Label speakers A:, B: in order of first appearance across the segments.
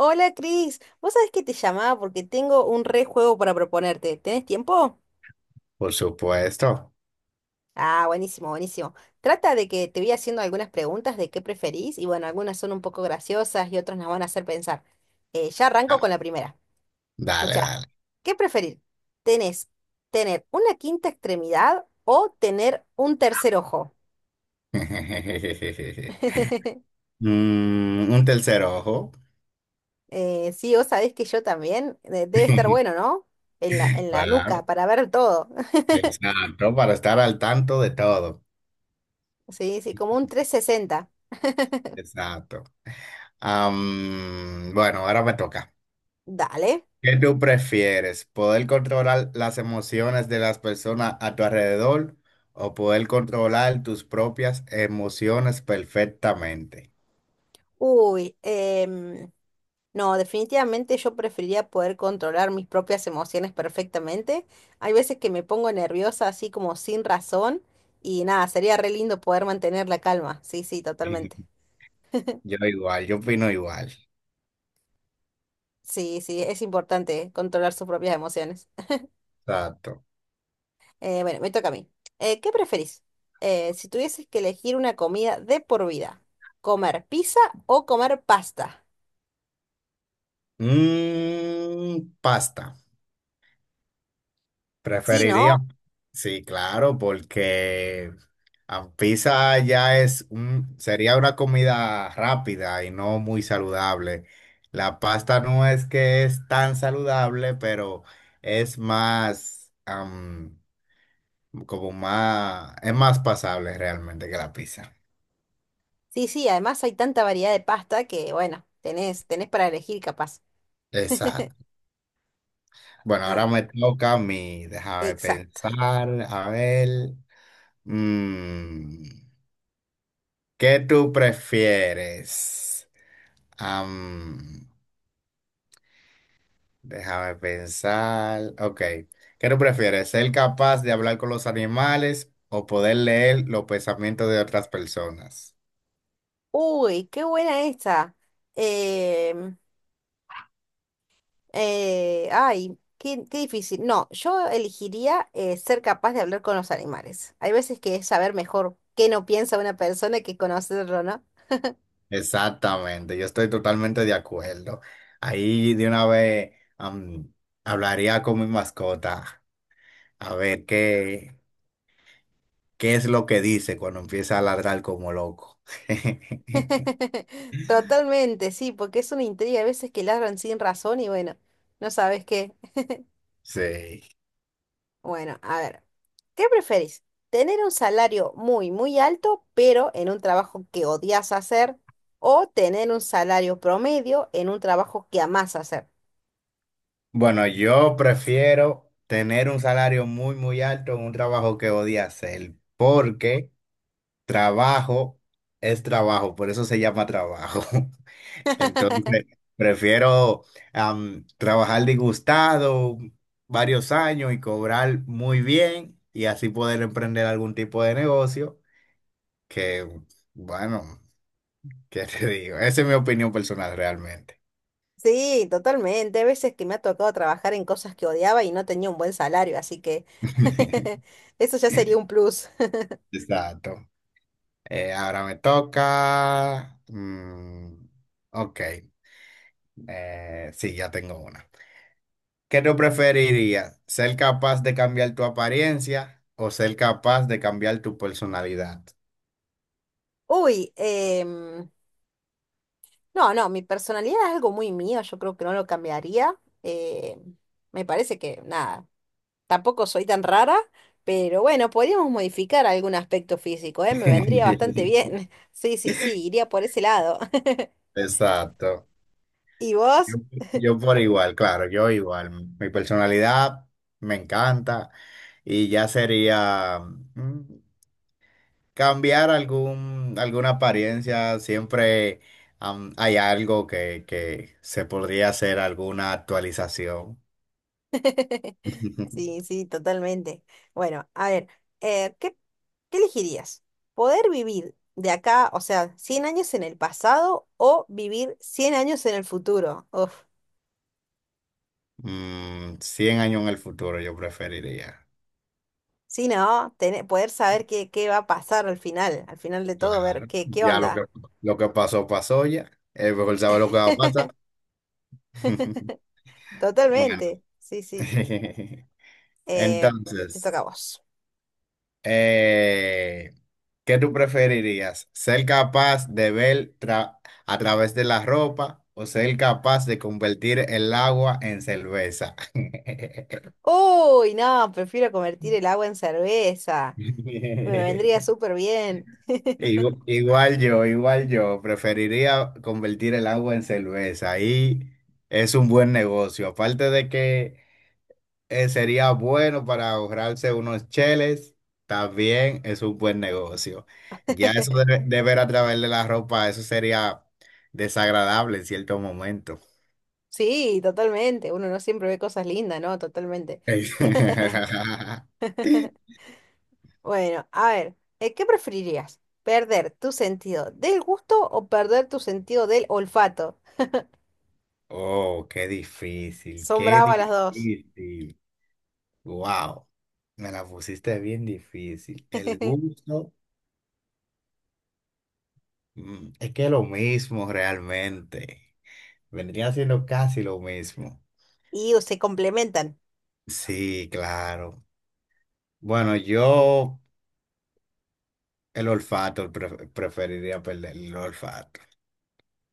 A: Hola Cris, vos sabés que te llamaba porque tengo un re juego para proponerte. ¿Tenés tiempo?
B: Por supuesto.
A: Ah, buenísimo, buenísimo. Trata de que te voy haciendo algunas preguntas de qué preferís y bueno, algunas son un poco graciosas y otras nos van a hacer pensar. Ya arranco
B: Ah,
A: con la primera.
B: dale,
A: Escucha,
B: dale.
A: ¿qué preferir? ¿Tenés Tener una quinta extremidad o tener un tercer ojo?
B: Un tercer ojo.
A: Sí, vos sabés que yo también. Debe estar bueno, ¿no? En la
B: Claro,
A: nuca para ver todo.
B: exacto, para estar al tanto de todo.
A: Sí, sí, como un 360.
B: Exacto. Bueno, ahora me toca.
A: Dale.
B: ¿Qué tú prefieres? ¿Poder controlar las emociones de las personas a tu alrededor o poder controlar tus propias emociones perfectamente?
A: Uy, no, definitivamente yo preferiría poder controlar mis propias emociones perfectamente. Hay veces que me pongo nerviosa así como sin razón y nada, sería re lindo poder mantener la calma. Sí, sí, totalmente.
B: Yo igual, yo opino igual.
A: Sí, sí, es importante controlar sus propias emociones.
B: Exacto.
A: Bueno, me toca a mí. ¿Qué preferís? Si tuvieses que elegir una comida de por vida, ¿comer pizza o comer pasta?
B: Pasta.
A: Sí,
B: Preferiría,
A: ¿no?
B: sí, claro, porque la pizza ya es un, sería una comida rápida y no muy saludable. La pasta no es que es tan saludable, pero es más, como más, es más pasable realmente que la pizza.
A: Sí, sí, además hay tanta variedad de pasta que, bueno, tenés para elegir capaz.
B: Exacto. Bueno,
A: Ah,
B: ahora me toca a mí, déjame
A: exacto.
B: pensar, a ver, mm, ¿qué tú prefieres? Am, déjame pensar. Ok. ¿Qué tú prefieres? ¿Ser capaz de hablar con los animales o poder leer los pensamientos de otras personas?
A: Uy, qué buena esta. Em, Ay, qué difícil. No, yo elegiría ser capaz de hablar con los animales. Hay veces que es saber mejor qué no piensa una persona que conocerlo, ¿no?
B: Exactamente. Yo estoy totalmente de acuerdo. Ahí de una vez am, hablaría con mi mascota a ver qué, qué es lo que dice cuando empieza a ladrar como loco.
A: Totalmente, sí, porque es una intriga. Hay veces que ladran sin razón y bueno, no sabes qué.
B: Sí.
A: Bueno, a ver. ¿Qué prefieres? ¿Tener un salario muy, muy alto, pero en un trabajo que odias hacer? ¿O tener un salario promedio en un trabajo que amás hacer?
B: Bueno, yo prefiero tener un salario muy, muy alto en un trabajo que odia hacer, porque trabajo es trabajo, por eso se llama trabajo. Entonces, prefiero trabajar disgustado varios años y cobrar muy bien y así poder emprender algún tipo de negocio que, bueno, ¿qué te digo? Esa es mi opinión personal realmente.
A: Sí, totalmente. Hay veces que me ha tocado trabajar en cosas que odiaba y no tenía un buen salario, así que eso ya sería un plus.
B: Exacto. Ahora me toca. Ok, sí, ya tengo una. ¿Qué tú preferirías? ¿Ser capaz de cambiar tu apariencia o ser capaz de cambiar tu personalidad?
A: Uy, no, no, mi personalidad es algo muy mío, yo creo que no lo cambiaría. eh, Me parece que nada. Tampoco soy tan rara, pero bueno, podríamos modificar algún aspecto físico, ¿eh? Me vendría bastante bien. Sí, sí, sí, iría por ese lado.
B: Exacto.
A: ¿Y
B: Yo,
A: vos?
B: yo por igual, claro, yo igual. Mi personalidad me encanta y ya sería... mm, cambiar alguna apariencia, siempre hay algo que se podría hacer, alguna actualización.
A: Sí, sí, totalmente. Bueno, a ver, eh, ¿qué, qué elegirías? ¿Poder vivir de acá, o sea, 100 años en el pasado o vivir 100 años en el futuro? Uf,
B: 100 años en el futuro yo preferiría.
A: sí, ¿no? Tener, poder saber qué va a pasar al final de todo, ver
B: Claro.
A: qué
B: Ya
A: onda.
B: lo que pasó, pasó ya. Es mejor saber lo que va a pasar. Bueno,
A: Totalmente, sí, sí. Eh, Te
B: entonces,
A: toca a vos.
B: Eh, ¿qué tú preferirías? ¿Ser capaz de ver a través de la ropa o ser capaz de convertir el agua en cerveza?
A: Uy, no, prefiero convertir el agua en cerveza. Me vendría súper bien.
B: Igual yo, preferiría convertir el agua en cerveza. Ahí es un buen negocio. Aparte de que sería bueno para ahorrarse unos cheles. También es un buen negocio. Ya eso de ver a través de la ropa, eso sería desagradable en cierto momento.
A: Sí, totalmente. Uno no siempre ve cosas lindas, ¿no? Totalmente. Bueno, a ver, ¿qué preferirías? ¿Perder tu sentido del gusto o perder tu sentido del olfato?
B: Oh, qué difícil,
A: Son
B: qué
A: bravas las dos.
B: difícil. Wow, me la pusiste bien difícil. El gusto, es que es lo mismo realmente. Vendría siendo casi lo mismo.
A: Y se complementan.
B: Sí, claro. Bueno, yo el olfato preferiría perder el olfato.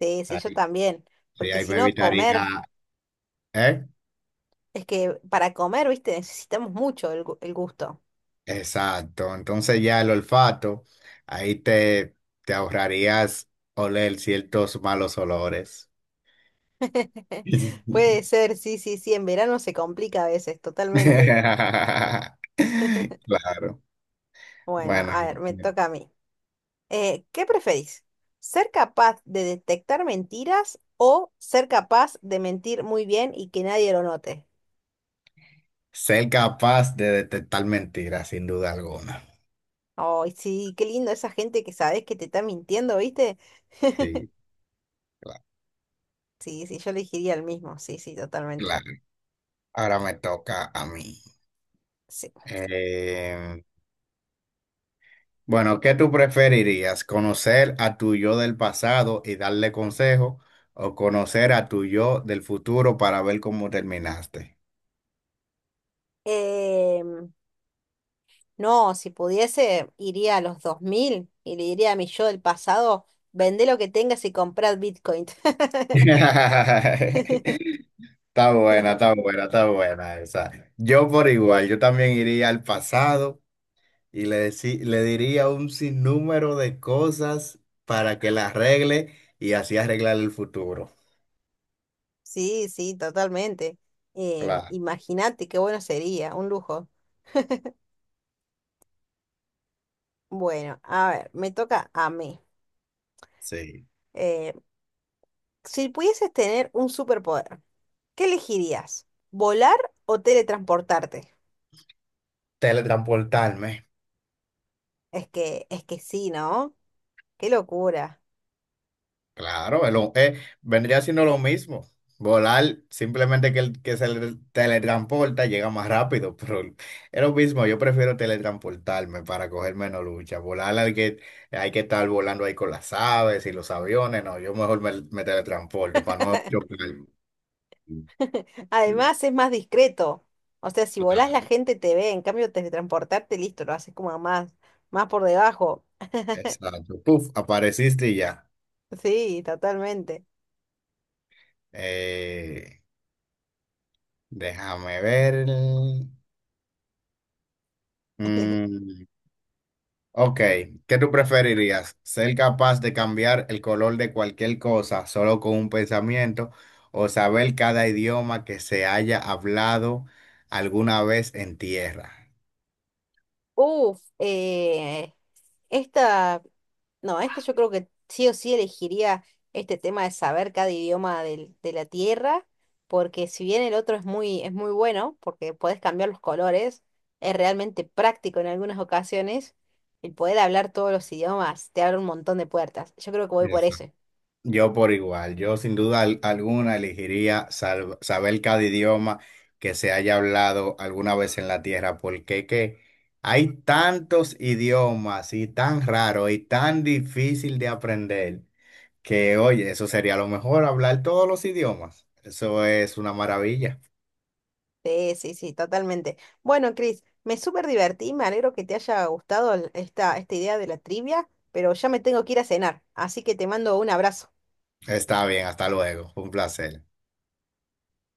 A: Sí, sí, yo
B: Ahí,
A: también.
B: sí,
A: Porque
B: ahí
A: si
B: me
A: no,
B: evitaría,
A: comer,
B: ¿eh?
A: es que para comer, viste, necesitamos mucho el gusto.
B: Exacto. Entonces ya el olfato, ahí te, te ahorrarías oler ciertos malos olores.
A: Puede ser, sí, sí, sí, en verano se complica a veces, totalmente.
B: Claro.
A: Bueno,
B: Bueno,
A: a ver, me toca a mí. ¿Qué preferís? ¿Ser capaz de detectar mentiras o ser capaz de mentir muy bien y que nadie lo note?
B: ser capaz de detectar mentiras, sin duda alguna.
A: Ay, sí, qué lindo esa gente que sabes que te está mintiendo, ¿viste?
B: Sí, cla-
A: Sí, sí, yo elegiría el mismo, sí, sí, totalmente.
B: claro. Ahora me toca a mí.
A: Sí.
B: Em, Bueno, ¿qué tú preferirías? ¿Conocer a tu yo del pasado y darle consejo o conocer a tu yo del futuro para ver cómo terminaste?
A: Em, No, si pudiese, iría a los 2000 y le diría a mi yo del pasado, vende lo que tengas y comprad Bitcoin.
B: Está buena, está buena, está buena esa. Yo por igual, yo también iría al pasado y le diría un sinnúmero de cosas para que la arregle y así arreglar el futuro.
A: Sí, sí, totalmente.
B: Claro,
A: Imagínate qué bueno sería, un lujo. Bueno, a ver, me toca a mí.
B: sí.
A: Eh, si pudieses tener un superpoder, ¿qué elegirías? ¿Volar o teletransportarte?
B: Teletransportarme.
A: Es que sí, ¿no? Qué locura.
B: Claro, vendría siendo lo mismo. Volar, simplemente que el que se teletransporta llega más rápido, pero es lo mismo. Yo prefiero teletransportarme para coger menos lucha. Volar hay que estar volando ahí con las aves y los aviones. No, yo mejor me teletransporto para no chocar.
A: Además es más discreto. O sea, si volás la
B: Claro,
A: gente te ve, en cambio teletransportarte, listo, lo haces como más, más por debajo.
B: exacto. Puf, apareciste y ya.
A: Sí, totalmente.
B: Eh, déjame ver. Mm, Ok, ¿qué tú preferirías? ¿Ser capaz de cambiar el color de cualquier cosa solo con un pensamiento o saber cada idioma que se haya hablado alguna vez en tierra?
A: Uf, esta, no, esta yo creo que sí o sí elegiría este tema de saber cada idioma de la tierra, porque si bien el otro es muy bueno, porque podés cambiar los colores, es realmente práctico en algunas ocasiones, el poder hablar todos los idiomas te abre un montón de puertas. Yo creo que voy por
B: Eso.
A: eso.
B: Yo por igual, yo sin duda alguna elegiría saber cada idioma que se haya hablado alguna vez en la tierra, porque que hay tantos idiomas y tan raro y tan difícil de aprender. Que oye, eso sería lo mejor, hablar todos los idiomas. Eso es una maravilla.
A: Sí, sí, sí, totalmente. Bueno, Cris, me súper divertí, me alegro que te haya gustado esta idea de la trivia, pero ya me tengo que ir a cenar, así que te mando un abrazo.
B: Está bien, hasta luego. Fue un placer.